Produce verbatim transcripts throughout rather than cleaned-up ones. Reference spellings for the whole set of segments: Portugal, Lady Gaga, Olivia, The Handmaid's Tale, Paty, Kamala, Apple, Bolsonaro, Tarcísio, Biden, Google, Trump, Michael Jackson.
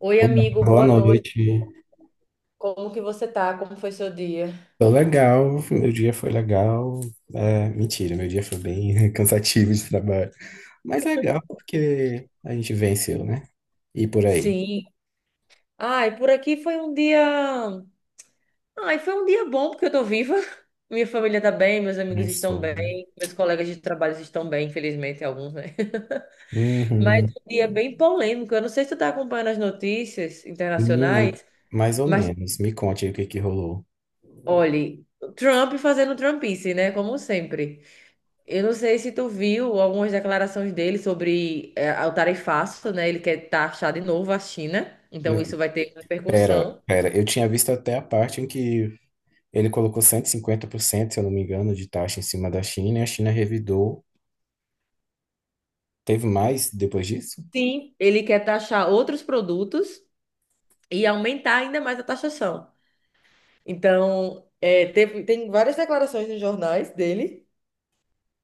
Oi, Olá, amigo, boa boa noite. noite. Como que você tá? Como foi seu dia? Tô legal, meu dia foi legal. É, mentira, meu dia foi bem cansativo de trabalho. Mas legal porque a gente venceu, né? E por aí. Sim. Ai, por aqui foi um dia. Ai, foi um dia bom porque eu tô viva. Minha família tá bem, meus É amigos estão sobre. bem, meus colegas de trabalho estão bem, infelizmente, alguns, né? Mas Uhum. um dia bem polêmico. Eu não sei se tu tá acompanhando as notícias Menina, internacionais, mais ou mas menos. Me conte aí o que que rolou. olhe, Trump fazendo Trumpice, né? Como sempre. Eu não sei se tu viu algumas declarações dele sobre é, o tarifaço, né? Ele quer taxar de novo a China, então isso N- vai ter Pera, repercussão. pera. Eu tinha visto até a parte em que ele colocou cento e cinquenta por cento, se eu não me engano, de taxa em cima da China e a China revidou. Teve mais depois disso? Sim, ele quer taxar outros produtos e aumentar ainda mais a taxação. Então, é, teve- tem várias declarações nos jornais dele.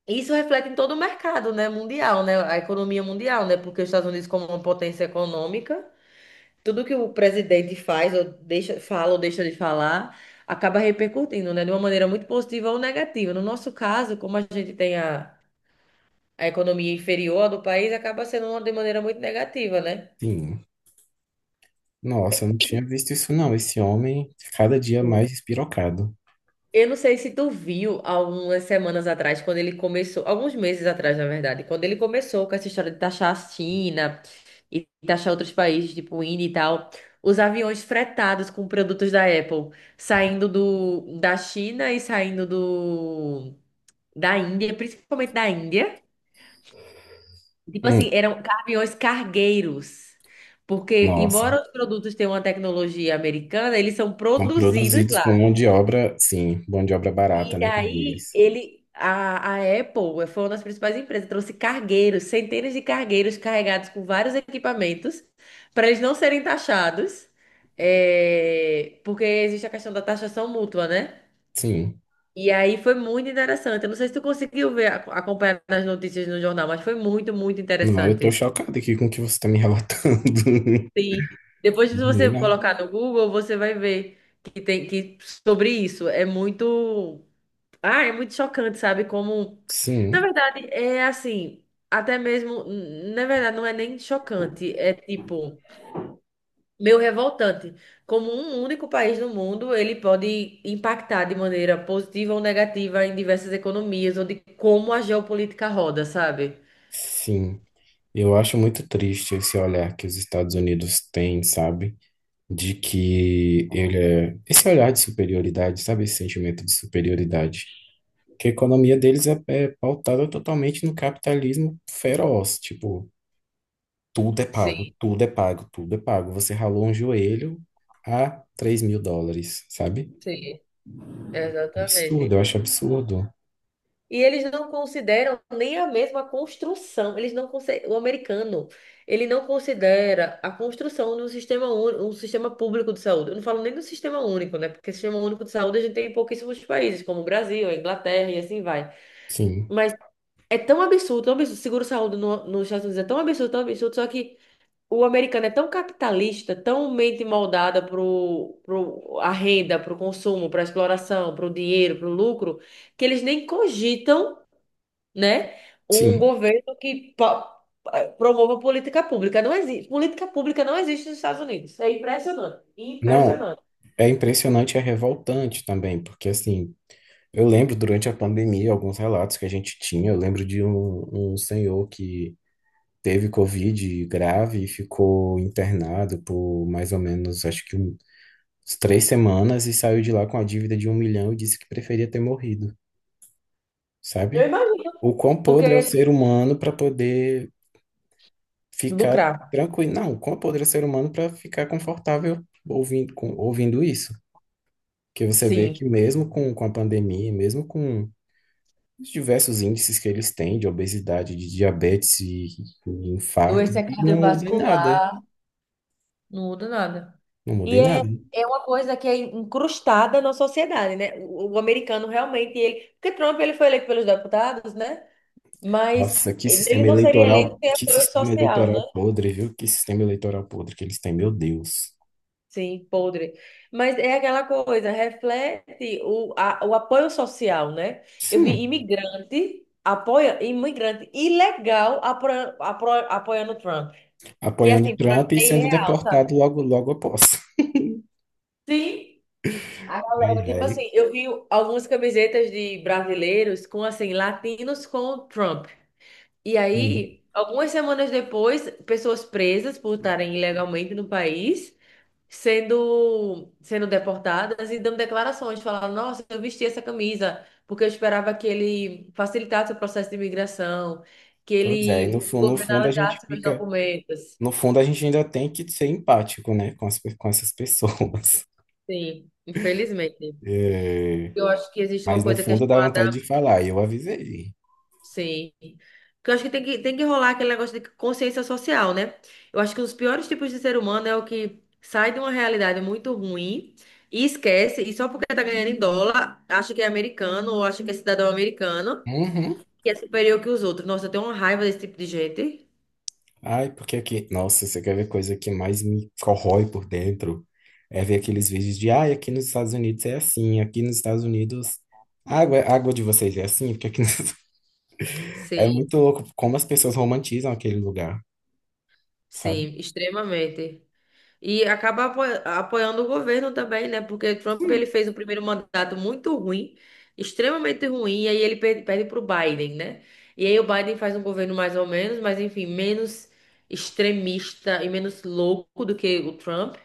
Isso reflete em todo o mercado, né, mundial, né, a economia mundial, né, porque os Estados Unidos como uma potência econômica, tudo que o presidente faz, ou deixa, fala ou deixa de falar, acaba repercutindo, né? De uma maneira muito positiva ou negativa. No nosso caso, como a gente tem a, a economia inferior do país, acaba sendo uma de maneira muito negativa, né? Sim. Nossa, eu não tinha visto isso não. Esse homem, cada dia Sim. mais despirocado. Eu não sei se tu viu algumas semanas atrás, quando ele começou, alguns meses atrás, na verdade, quando ele começou com essa história de taxar a China e taxar outros países, tipo o Índia e tal, os aviões fretados com produtos da Apple saindo do, da China e saindo do da Índia, principalmente da Índia. Tipo Hum, assim, eram caminhões cargueiros. Porque, nossa, embora os produtos tenham uma tecnologia americana, eles são são produzidos produzidos por mão lá. de obra, sim, mão de obra barata, E né, para daí, eles. ele, a, a Apple eh, foi uma das principais empresas, trouxe cargueiros, centenas de cargueiros carregados com vários equipamentos, para eles não serem taxados, é, porque existe a questão da taxação mútua, né? Sim. E aí foi muito interessante. Eu não sei se tu conseguiu ver, ac- acompanhar nas notícias no jornal, mas foi muito, muito Não, eu tô interessante. chocado aqui com o que você tá me relatando. Sim. Depois se você Menina, colocar no Google, você vai ver que tem que sobre isso. É muito, ah, é muito chocante, sabe? Como, na sim, verdade, é assim, até mesmo, na verdade, não é nem chocante, é tipo meio revoltante. Como um único país no mundo, ele pode impactar de maneira positiva ou negativa em diversas economias ou de como a geopolítica roda, sabe? sim. Eu acho muito triste esse olhar que os Estados Unidos têm, sabe? De que ele é... Esse olhar de superioridade, sabe? Esse sentimento de superioridade. Porque a economia deles é, é pautada totalmente no capitalismo feroz. Tipo, tudo é pago, Sim, tudo é pago, tudo é pago. Você ralou um joelho a três mil dólares, sabe? sim. Absurdo, Exatamente. eu acho absurdo. E eles não consideram nem a mesma construção. Eles não conse- O americano, ele não considera a construção de um sistema único, um sistema público de saúde. Eu não falo nem do sistema único, né? Porque sistema único de saúde a gente tem em pouquíssimos países, como o Brasil, a Inglaterra e assim vai. Sim, É tão absurdo, tão absurdo. Seguro-saúde no, nos Estados Unidos é tão absurdo, tão absurdo, só que o americano é tão capitalista, tão mente moldada pro, pro a renda, pro consumo, pra exploração, pro dinheiro, pro lucro, que eles nem cogitam, né, um sim. governo que pa- promova política pública. Não existe, política pública não existe nos Estados Unidos. É impressionante, Não, impressionante. é impressionante, é revoltante também, porque assim, eu lembro durante a pandemia alguns relatos que a gente tinha. Eu lembro de um, um senhor que teve Covid grave e ficou internado por mais ou menos, acho que um três semanas e saiu de lá com a dívida de um milhão e disse que preferia ter morrido, Eu sabe? imagino, O quão podre é o porque ser humano para poder ficar lucrar. tranquilo. Não, o quão podre é o ser humano para ficar confortável ouvindo, com- ouvindo isso. Que você vê que Sim, mesmo com, com a pandemia, mesmo com os diversos índices que eles têm de obesidade, de diabetes e, e infarto, doença e não muda em nada. cardiovascular. Não muda nada. Não muda E em é, nada. é uma coisa que é incrustada na sociedade, né? O, o americano realmente, ele, porque Trump ele foi eleito pelos deputados, né? Mas Nossa, que ele sistema não seria eleito eleitoral, sem que apoio sistema social, né? eleitoral podre, viu? Que sistema eleitoral podre que eles têm, meu Deus. Sim, podre. Mas é aquela coisa, reflete o, a- o apoio social, né? Eu vi Sim, imigrante apoia imigrante ilegal apro, apro, apoiando Trump, que apoiando assim, para mim Trump e é sendo irreal, sabe? deportado logo, logo após. Sim. A Ai, galera, tipo ai. assim, eu vi algumas camisetas de brasileiros com, assim, latinos com Trump. E Hum. aí, algumas semanas depois, pessoas presas por estarem ilegalmente no país, sendo, sendo deportadas e dando declarações, falando, nossa, eu vesti essa camisa porque eu esperava que ele facilitasse o processo de imigração, que Pois é, e no ele, o fundo, no governo fundo a gente analisasse meus fica, documentos. no fundo a gente ainda tem que ser empático, né, com as, pe- com essas pessoas. Sim, infelizmente. É, Eu acho que existe uma mas no coisa que é fundo dá vontade chamada. de falar, eu avisei. Sei. Porque eu acho que tem que, tem que rolar aquele negócio de consciência social, né? Eu acho que um dos piores tipos de ser humano é o que sai de uma realidade muito ruim e esquece, e só porque tá ganhando em dólar, acha que é americano ou acha que é cidadão americano Uhum. que é superior que os outros. Nossa, eu tenho uma raiva desse tipo de gente. Ai, porque aqui, nossa, você quer ver coisa que mais me corrói por dentro? É ver aqueles vídeos de, ai, aqui nos Estados Unidos é assim, aqui nos Estados Unidos a água, a água de vocês é assim, porque aqui nos... é Sim, muito louco como as pessoas romantizam aquele lugar, sabe? sim, extremamente. E acaba apo- apoiando o governo também, né? Porque Trump ele fez o primeiro mandato muito ruim, extremamente ruim, e aí ele per- perde para o Biden, né? E aí o Biden faz um governo mais ou menos, mas enfim, menos extremista e menos louco do que o Trump.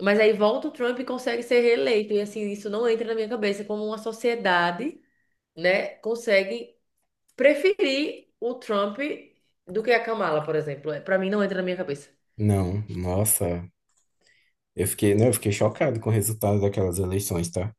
Mas aí volta o Trump e consegue ser reeleito. E assim, isso não entra na minha cabeça como uma sociedade, né, consegue preferir o Trump do que a Kamala, por exemplo. Para mim não entra na minha cabeça. Não, nossa, eu fiquei, não, eu fiquei chocado com o resultado daquelas eleições, tá?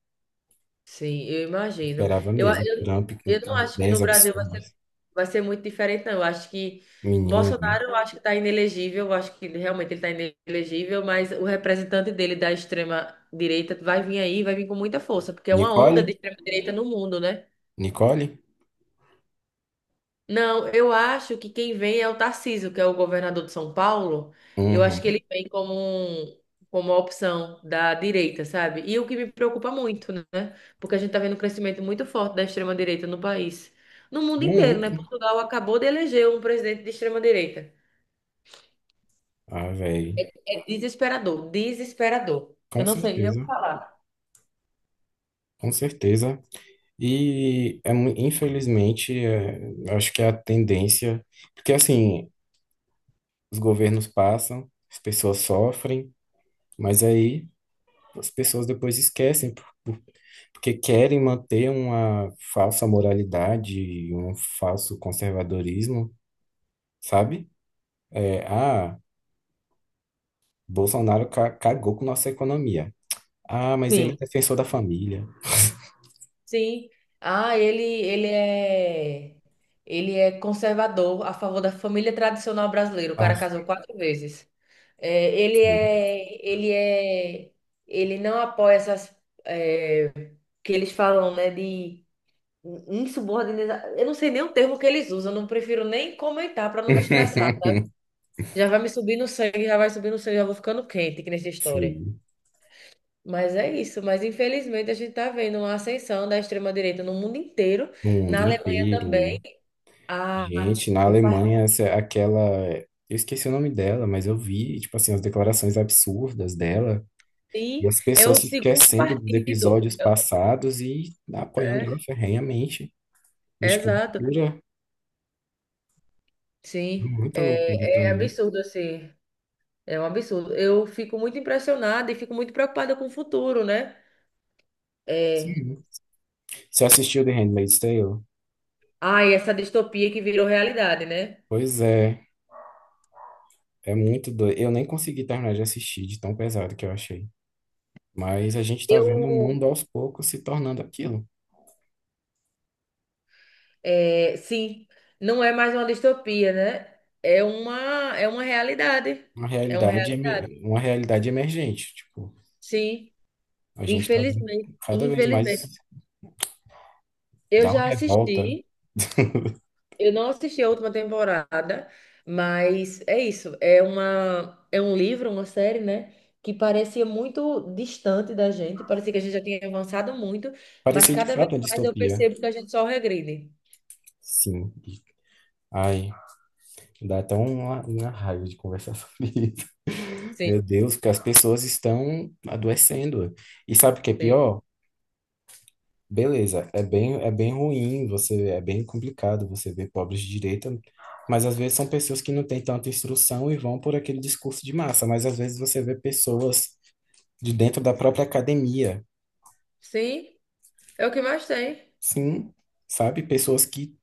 Sim, eu imagino. Esperava Eu, mesmo. eu, Trump com eu não com acho que no ideias Brasil vai, absurdas. vai ser muito diferente, não. Eu acho que Menino, Bolsonaro, né? eu acho que está inelegível, eu acho que realmente ele está inelegível, mas o representante dele da extrema-direita vai vir aí, vai vir com muita força, porque é uma onda Nicole? de extrema-direita no mundo, né? Nicole? Não, eu acho que quem vem é o Tarcísio, que é o governador de São Paulo. Eu acho que Uhum. ele vem como, um- como uma opção da direita, sabe? E o que me preocupa muito, né? Porque a gente tá vendo um crescimento muito forte da extrema-direita no país. No mundo inteiro, Muito. né? Portugal acabou de eleger um presidente de extrema-direita. Ah, velho. É desesperador, desesperador. Com Eu não sei nem o que certeza. falar. Com certeza. E, é, mu- infelizmente, é, acho que é a tendência. Porque, assim, os governos passam, as pessoas sofrem, mas aí as pessoas depois esquecem, porque querem manter uma falsa moralidade, um falso conservadorismo, sabe? É, ah. Bolsonaro ca- cagou com nossa economia. Ah, mas ele é Sim. defensor da família. Sim. Ah, ele, ele é ele é conservador a favor da família tradicional brasileira. O cara Ah, casou quatro vezes. É, ele sim. é ele é ele não apoia essas é, que eles falam, né, de insubordinação. Eu não sei nem o termo que eles usam, eu não prefiro nem comentar para não me estressar. Já vai me subir no sangue, já vai subir no sangue, já vou ficando quente aqui nessa história. Sim. Mas é isso, mas infelizmente a gente está vendo uma ascensão da extrema-direita no mundo inteiro, No mundo na Alemanha inteiro. também. A, Gente, na o partido Alemanha, essa, é aquela. Eu esqueci o nome dela, mas eu vi, tipo assim, as declarações absurdas dela e as é pessoas o se segundo esquecendo dos partido. episódios passados e apoiando ela É, ferrenhamente. é, Gente, que exato, loucura. sim. Muita loucura É, pra é mim. absurdo, assim. É um absurdo. Eu fico muito impressionada e fico muito preocupada com o futuro, né? É, Sim. Você assistiu The Handmaid's Tale? ai, essa distopia que virou realidade, né? Pois é. É muito doido. Eu nem consegui terminar de assistir de tão pesado que eu achei. Mas a gente tá vendo o Eu, mundo aos poucos se tornando aquilo. é, sim, não é mais uma distopia, né? É uma, é uma realidade. Uma É uma realidade, realidade. eme- uma realidade emergente. Tipo, Sim, a gente tá vendo infelizmente, cada vez mais infelizmente. Eu dar uma já revolta. assisti, eu não assisti a última temporada, mas é isso, é uma é um livro, uma série, né, que parecia muito distante da gente, parecia que a gente já tinha avançado muito, mas Parecia de cada vez fato uma mais eu distopia. percebo que a gente só regride. Sim. Ai, dá até uma, uma raiva de conversar sobre isso. Meu Sim, Deus, que as pessoas estão adoecendo. E sabe o que é sim. pior? Beleza, é bem, é bem ruim, você é bem complicado você ver pobres de direita, mas às vezes são pessoas que não têm tanta instrução e vão por aquele discurso de massa, mas às vezes você vê pessoas de dentro da própria academia, Sim, é o que mais tem, sim, sabe? Pessoas que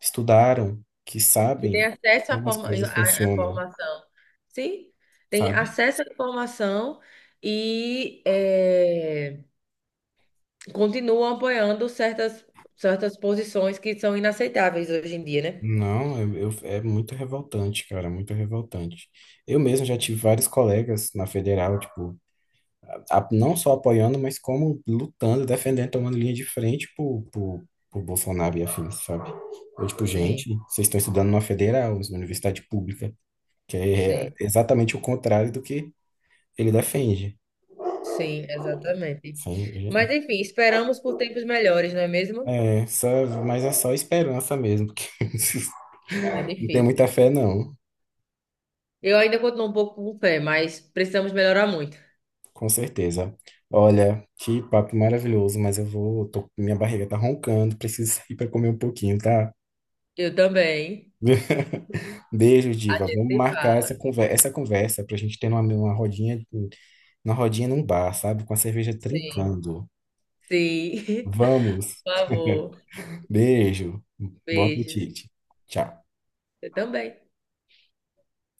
estudaram, que que tem sabem acesso à como as forma, coisas à funcionam, informação. Sim, tem sabe? acesso à informação e é, continuam apoiando certas, certas posições que são inaceitáveis hoje em dia, né? Não, eu, eu- é muito revoltante, cara, muito revoltante. Eu mesmo já tive vários colegas na federal, tipo, a- não só apoiando, mas como lutando, defendendo, tomando linha de frente pro, pro, pro Bolsonaro e afins, sabe? Eu, tipo, Sim, gente, vocês estão estudando numa federal, numa universidade pública, que é sim, exatamente o contrário do que ele defende. sim, exatamente. Mas Sim, enfim, esperamos por tempos melhores, não é mesmo? é, só, mas é só esperança mesmo, porque Tá não tem muita difícil. fé, não, Eu ainda continuo um pouco com fé, mas precisamos melhorar muito. com certeza. Olha, que papo maravilhoso, mas eu vou, tô- minha barriga tá roncando, preciso sair para comer um pouquinho, tá? Eu também. Beijo, A Diva. gente Vamos se marcar essa fala. conversa, essa conversa para a gente ter uma, uma rodinha, uma rodinha num bar, sabe? Com a cerveja Sim. trincando. Sim. Vamos. Por favor. Beijo. Bom Beijos. apetite. Tchau. Eu também.